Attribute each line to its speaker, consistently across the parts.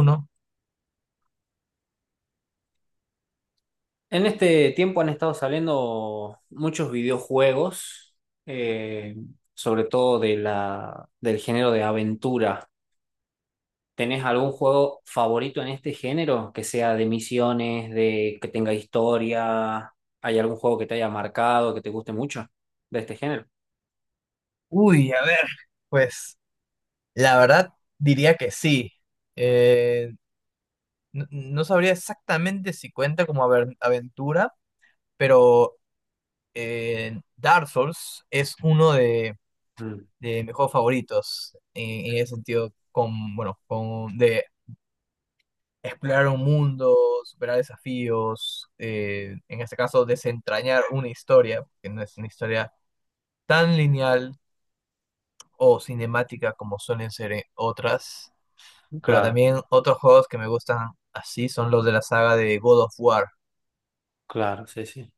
Speaker 1: Uno.
Speaker 2: En este tiempo han estado saliendo muchos videojuegos, eh, sobre todo de del género de aventura. ¿Tenés algún juego favorito en este género? Que sea de misiones, de que tenga historia. ¿Hay algún juego que te haya marcado, que te guste mucho de este género?
Speaker 1: Uy, a ver. La verdad diría que sí. Eh, no, no sabría exactamente si cuenta como aventura, pero Dark Souls es uno de,
Speaker 2: Mm,
Speaker 1: de mis juegos favoritos en ese sentido, con, bueno, con, de explorar un mundo, superar desafíos, en este caso desentrañar una historia, que no es una historia tan lineal o cinemática como suelen ser otras. Pero
Speaker 2: claro,
Speaker 1: también otros juegos que me gustan así son los de la saga de God of War.
Speaker 2: claro, sí, sí.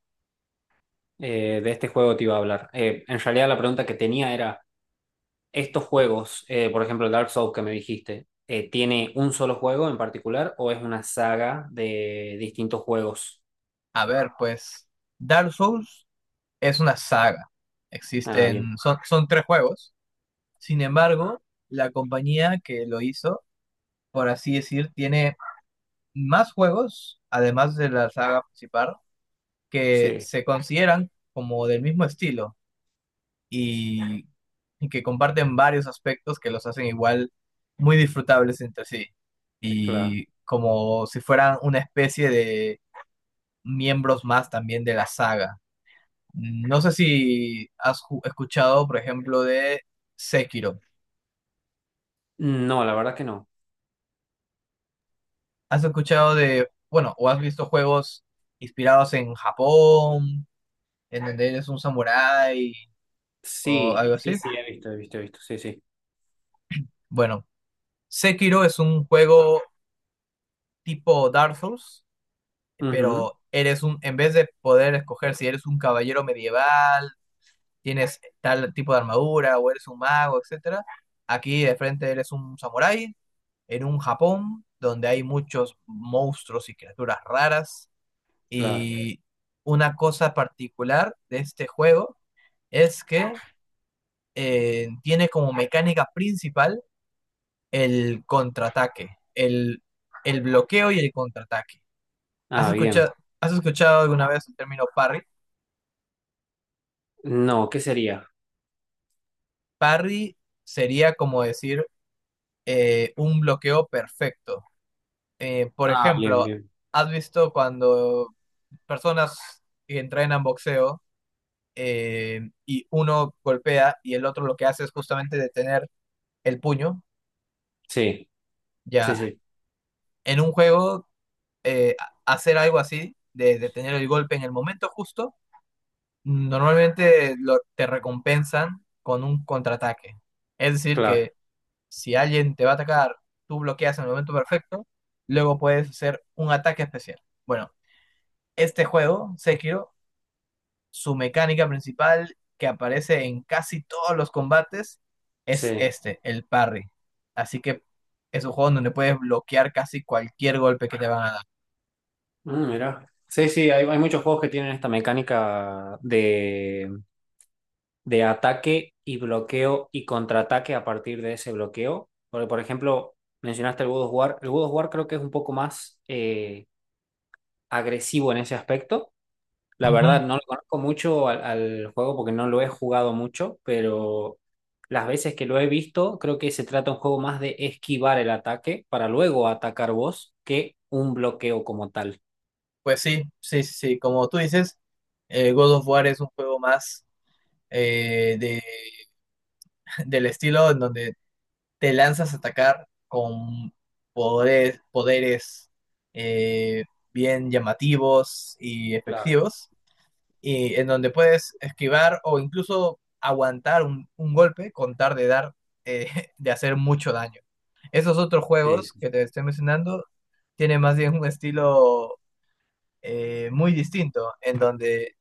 Speaker 2: De este juego te iba a hablar. En realidad la pregunta que tenía era... estos juegos, por ejemplo, el Dark Souls que me dijiste, ¿tiene un solo juego en particular o es una saga de distintos juegos?
Speaker 1: A ver, pues Dark Souls es una saga.
Speaker 2: Ah, bien.
Speaker 1: Existen, son tres juegos. Sin embargo, la compañía que lo hizo, por así decir, tiene más juegos, además de la saga principal, que
Speaker 2: Sí,
Speaker 1: se consideran como del mismo estilo, y, y que comparten varios aspectos que los hacen igual muy disfrutables entre sí.
Speaker 2: claro.
Speaker 1: Y como si fueran una especie de miembros más también de la saga. No sé si has escuchado, por ejemplo, de Sekiro.
Speaker 2: No, la verdad que no.
Speaker 1: ¿Has escuchado de, bueno, o has visto juegos inspirados en Japón, en donde eres un samurái o
Speaker 2: Sí,
Speaker 1: algo
Speaker 2: sí,
Speaker 1: así?
Speaker 2: sí, he visto, he visto, he visto. Sí, sí.
Speaker 1: Bueno, Sekiro es un juego tipo Dark Souls,
Speaker 2: Ujú,
Speaker 1: pero eres un, en vez de poder escoger si eres un caballero medieval, tienes tal tipo de armadura o eres un mago, etcétera, aquí de frente eres un samurái en un Japón donde hay muchos monstruos y criaturas raras,
Speaker 2: claro.
Speaker 1: y una cosa particular de este juego es que tiene como mecánica principal el contraataque, el bloqueo y el contraataque. ¿Has
Speaker 2: Ah, bien.
Speaker 1: escuchado, has escuchado alguna vez el término parry?
Speaker 2: No, ¿qué sería?
Speaker 1: Parry sería como decir un bloqueo perfecto. Por
Speaker 2: Ah, bien,
Speaker 1: ejemplo,
Speaker 2: bien.
Speaker 1: ¿has visto cuando personas que entrenan boxeo eh, y uno golpea y el otro lo que hace es justamente detener el puño?
Speaker 2: Sí, sí,
Speaker 1: Ya,
Speaker 2: sí,
Speaker 1: en un juego, eh, hacer algo así, de detener el golpe en el momento justo, normalmente te recompensan con un contraataque. Es decir,
Speaker 2: claro.
Speaker 1: que si alguien te va a atacar, tú bloqueas en el momento perfecto, luego puedes hacer un ataque especial. Bueno, este juego, Sekiro, su mecánica principal que aparece en casi todos los combates es
Speaker 2: Sí.
Speaker 1: este, el parry. Así que es un juego donde puedes bloquear casi cualquier golpe que te van a dar.
Speaker 2: Mm, mira. Sí, sí, hay muchos juegos que tienen esta mecánica de ataque y bloqueo y contraataque a partir de ese bloqueo. Porque, por ejemplo, mencionaste el God of War. El God of War creo que es un poco más agresivo en ese aspecto. La
Speaker 1: Ujú.
Speaker 2: verdad, no lo conozco mucho al juego porque no lo he jugado mucho, pero las veces que lo he visto, creo que se trata un juego más de esquivar el ataque para luego atacar vos que un bloqueo como tal.
Speaker 1: Pues sí, sí, sí, sí, como tú dices, God of War es un juego más eh, de, del estilo en donde te lanzas a atacar con poderes, poderes eh, bien llamativos y
Speaker 2: Claro.
Speaker 1: efectivos, y en donde puedes esquivar o incluso aguantar un golpe con tal de dar, eh, de hacer mucho daño. Esos otros
Speaker 2: Sí,
Speaker 1: juegos
Speaker 2: sí,
Speaker 1: que te estoy mencionando tienen más bien un estilo muy distinto, en donde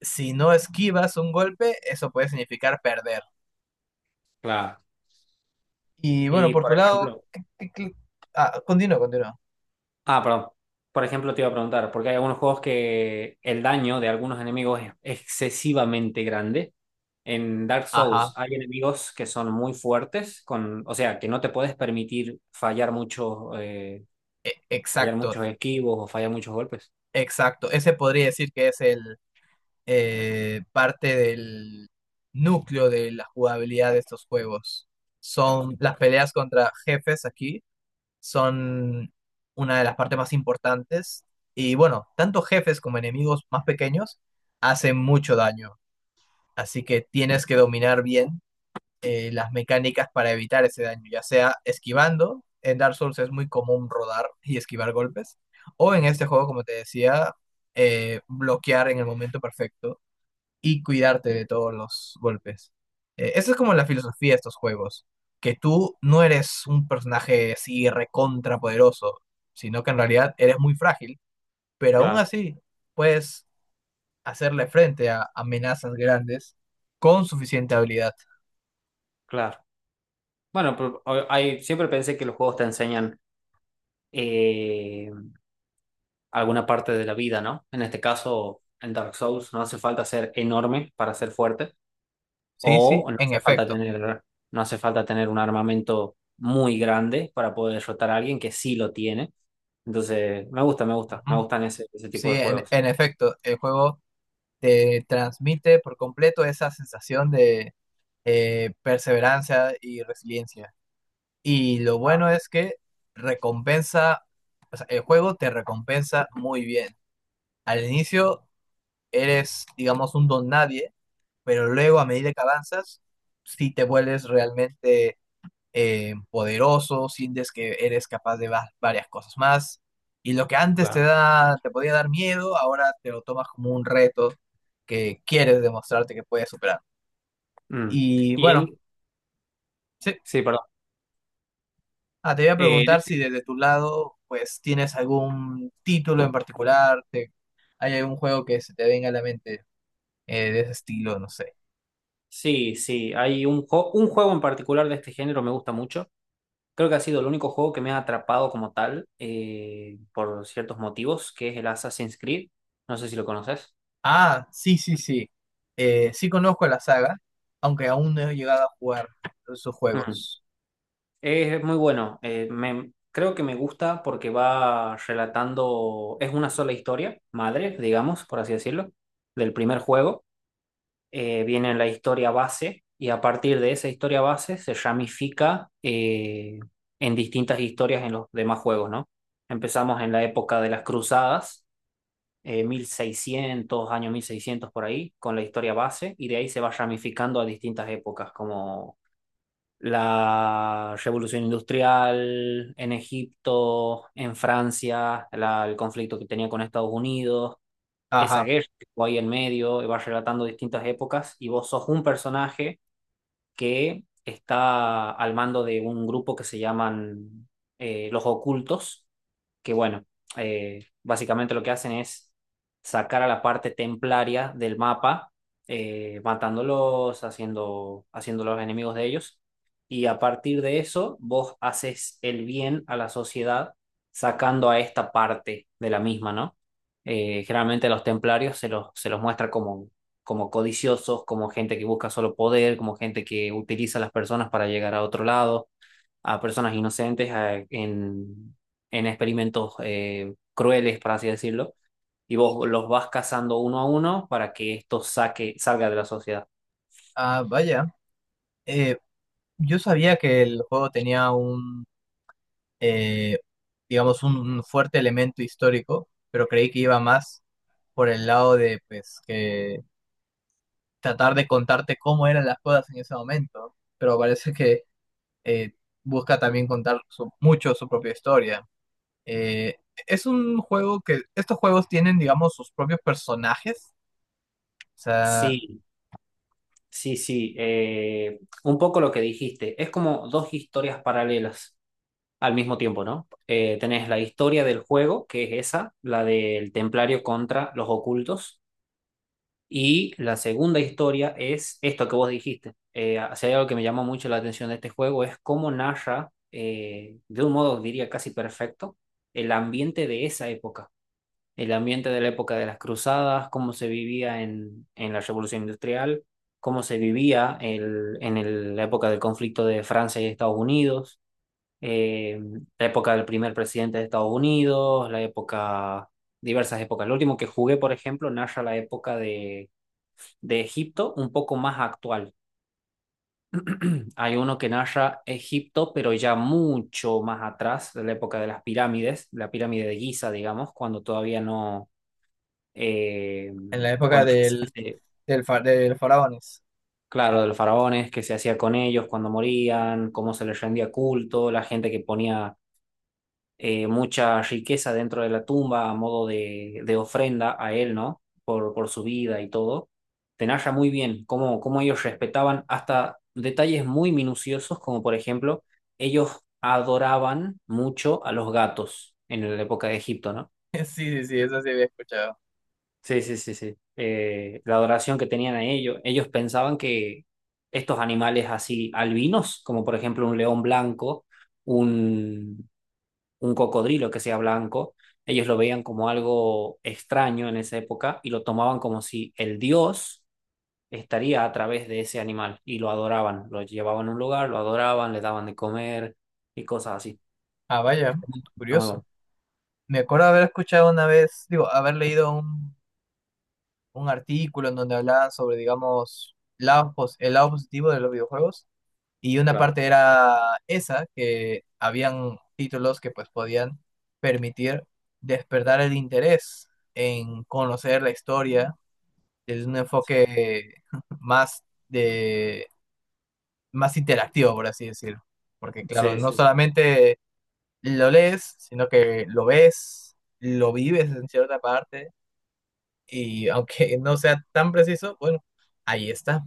Speaker 1: si no esquivas un golpe, eso puede significar perder.
Speaker 2: claro.
Speaker 1: Y bueno,
Speaker 2: Y,
Speaker 1: por
Speaker 2: por
Speaker 1: tu lado,
Speaker 2: ejemplo,
Speaker 1: ah, continúa, continúa.
Speaker 2: ah, perdón. Por ejemplo, te iba a preguntar, porque hay algunos juegos que el daño de algunos enemigos es excesivamente grande. En Dark Souls
Speaker 1: Ajá,
Speaker 2: hay enemigos que son muy fuertes, con, o sea, que no te puedes permitir fallar
Speaker 1: exacto,
Speaker 2: muchos esquivos o fallar muchos golpes.
Speaker 1: exacto. Ese podría decir que es el parte del núcleo de la jugabilidad de estos juegos. Son las peleas contra jefes aquí, son una de las partes más importantes. Y bueno, tanto jefes como enemigos más pequeños hacen mucho daño. Así que tienes que dominar bien las mecánicas para evitar ese daño, ya sea esquivando. En Dark Souls es muy común rodar y esquivar golpes, o en este juego, como te decía, bloquear en el momento perfecto y cuidarte de todos los golpes. Esa es como la filosofía de estos juegos, que tú no eres un personaje así recontra poderoso, sino que en realidad eres muy frágil, pero aún
Speaker 2: Claro,
Speaker 1: así puedes hacerle frente a amenazas grandes con suficiente habilidad.
Speaker 2: claro. Bueno, pero hay, siempre pensé que los juegos te enseñan eh, alguna parte de la vida, ¿no? En este caso, en Dark Souls no hace falta ser enorme para ser fuerte.
Speaker 1: Sí, sí,
Speaker 2: O no
Speaker 1: en
Speaker 2: hace falta
Speaker 1: efecto.
Speaker 2: tener, no hace falta tener un armamento muy grande para poder derrotar a alguien que sí lo tiene. Entonces, me gusta, me gusta, me
Speaker 1: Ujú.
Speaker 2: gustan ese, ese tipo
Speaker 1: Sí,
Speaker 2: de
Speaker 1: en,
Speaker 2: juegos.
Speaker 1: en efecto, el juego te transmite por completo esa sensación de perseverancia y resiliencia. Y lo bueno es que recompensa, o sea, el juego te recompensa muy bien. Al inicio eres, digamos, un don nadie, pero luego a medida que avanzas, si te vuelves realmente poderoso, sientes que eres capaz de varias cosas más, y lo que antes te
Speaker 2: Claro.
Speaker 1: da, te podía dar miedo, ahora te lo tomas como un reto que quieres demostrarte que puedes superar.
Speaker 2: Mm.
Speaker 1: Y
Speaker 2: Y
Speaker 1: bueno,
Speaker 2: en,
Speaker 1: sí,
Speaker 2: sí, perdón.
Speaker 1: ah, te voy a
Speaker 2: Eh, en
Speaker 1: preguntar
Speaker 2: este-
Speaker 1: si desde tu lado, pues, tienes algún título en particular, hay algún juego que se te venga a la mente de ese estilo, no sé.
Speaker 2: sí, sí, hay un, un juego en particular de este género me gusta mucho. Creo que ha sido el único juego que me ha atrapado como tal, por ciertos motivos, que es el Assassin's Creed. No sé si lo conoces.
Speaker 1: Ah, sí, sí, sí. Sí conozco la saga, aunque aún no he llegado a jugar sus juegos.
Speaker 2: Es muy bueno. Creo que me gusta porque va relatando, es una sola historia, madre, digamos, por así decirlo, del primer juego. Viene la historia base y a partir de esa historia base se ramifica en distintas historias en los demás juegos, ¿no? Empezamos en la época de las cruzadas, 1600, año 1600 por ahí, con la historia base y de ahí se va ramificando a distintas épocas, como la revolución industrial en Egipto, en Francia, el conflicto que tenía con Estados Unidos, esa
Speaker 1: Ajá.
Speaker 2: guerra que estuvo ahí en medio, y va relatando distintas épocas, y vos sos un personaje que está al mando de un grupo que se llaman Los Ocultos, que bueno, básicamente lo que hacen es sacar a la parte templaria del mapa, matándolos, haciéndolos enemigos de ellos, y a partir de eso vos haces el bien a la sociedad sacando a esta parte de la misma, ¿no? Generalmente los templarios se los muestra como como codiciosos, como gente que busca solo poder, como gente que utiliza a las personas para llegar a otro lado, a personas inocentes en experimentos crueles, por así decirlo, y vos los vas cazando uno a uno para que esto salga de la sociedad.
Speaker 1: Ah, vaya. Eh, yo sabía que el juego tenía eh, digamos, un fuerte elemento histórico, pero creí que iba más por el lado de, pues, que tratar de contarte cómo eran las cosas en ese momento, ¿no? Pero parece que eh, busca también contar mucho su propia historia. Eh, es un juego que estos juegos tienen, digamos, sus propios personajes. O sea,
Speaker 2: Sí, sí, sí, un poco lo que dijiste, es como dos historias paralelas al mismo tiempo, ¿no? Tenés la historia del juego, que es esa, la del templario contra los ocultos. Y la segunda historia es esto que vos dijiste. Si hay algo que me llamó mucho la atención de este juego es cómo narra, de un modo diría casi perfecto, el ambiente de esa época, el ambiente de la época de las cruzadas, cómo se vivía en la Revolución Industrial, cómo se vivía la época del conflicto de Francia y Estados Unidos, eh, la época del primer presidente de Estados Unidos, la época, diversas épocas. Lo último que jugué, por ejemplo, narra la época de Egipto un poco más actual. Hay uno que narra Egipto, pero ya mucho más atrás, de la época de las pirámides, la pirámide de Giza, digamos, cuando todavía no, eh,
Speaker 1: en la época
Speaker 2: cuando
Speaker 1: del,
Speaker 2: recién se-
Speaker 1: del, fa- del faraones.
Speaker 2: claro, de los faraones, qué se hacía con ellos, cuando morían, cómo se les rendía culto, la gente que ponía mucha riqueza dentro de la tumba a modo de ofrenda a él, ¿no? Por su vida y todo. Te narra muy bien cómo, cómo ellos respetaban hasta detalles muy minuciosos, como por ejemplo, ellos adoraban mucho a los gatos en la época de Egipto, ¿no?
Speaker 1: Sí, sí, sí, eso sí había escuchado.
Speaker 2: Sí, sí, sí, sí. La adoración que tenían a ellos, ellos pensaban que estos animales así albinos, como por ejemplo un león blanco, un un cocodrilo que sea blanco. Ellos lo veían como algo extraño en esa época y lo tomaban como si el dios estaría a través de ese animal y lo adoraban. Lo llevaban a un lugar, lo adoraban, le daban de comer y cosas así.
Speaker 1: Ah, vaya,
Speaker 2: Está muy
Speaker 1: curioso.
Speaker 2: bueno.
Speaker 1: Me acuerdo haber escuchado una vez, digo, haber leído un artículo en donde hablaban sobre, digamos, el lado positivo de los videojuegos. Y una
Speaker 2: Claro.
Speaker 1: parte era esa, que habían títulos que pues podían permitir despertar el interés en conocer la historia. Es un
Speaker 2: Sí,
Speaker 1: enfoque más de, más interactivo, por así decirlo. Porque claro,
Speaker 2: sí,
Speaker 1: no
Speaker 2: sí.
Speaker 1: solamente lo lees, sino que lo ves, lo vives en cierta parte, y aunque no sea tan preciso, bueno, ahí está.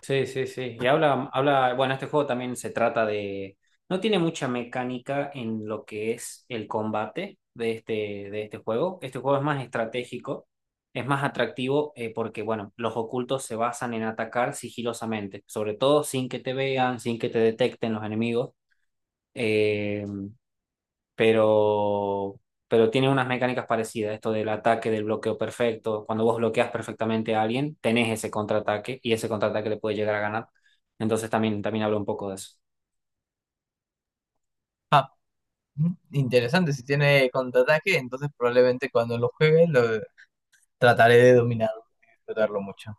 Speaker 2: Sí, sí, sí. Y habla, habla, bueno, este juego también se trata de, no tiene mucha mecánica en lo que es el combate de este juego. Este juego es más estratégico, es más atractivo porque, bueno, los ocultos se basan en atacar sigilosamente, sobre todo sin que te vean, sin que te detecten los enemigos. eh, pero, pero tiene unas mecánicas parecidas, esto del ataque, del bloqueo perfecto. Cuando vos bloqueas perfectamente a alguien, tenés ese contraataque y ese contraataque le puede llegar a ganar. Entonces también, también hablo un poco de eso.
Speaker 1: Interesante, si tiene contraataque, entonces probablemente cuando lo juegue lo trataré de dominar, disfrutarlo mucho.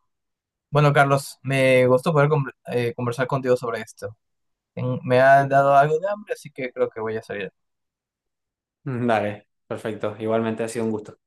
Speaker 1: Bueno, Carlos, me gustó poder conversar contigo sobre esto. Me ha
Speaker 2: Sí.
Speaker 1: dado algo de hambre, así que creo que voy a salir.
Speaker 2: Dale, perfecto. Igualmente ha sido un gusto.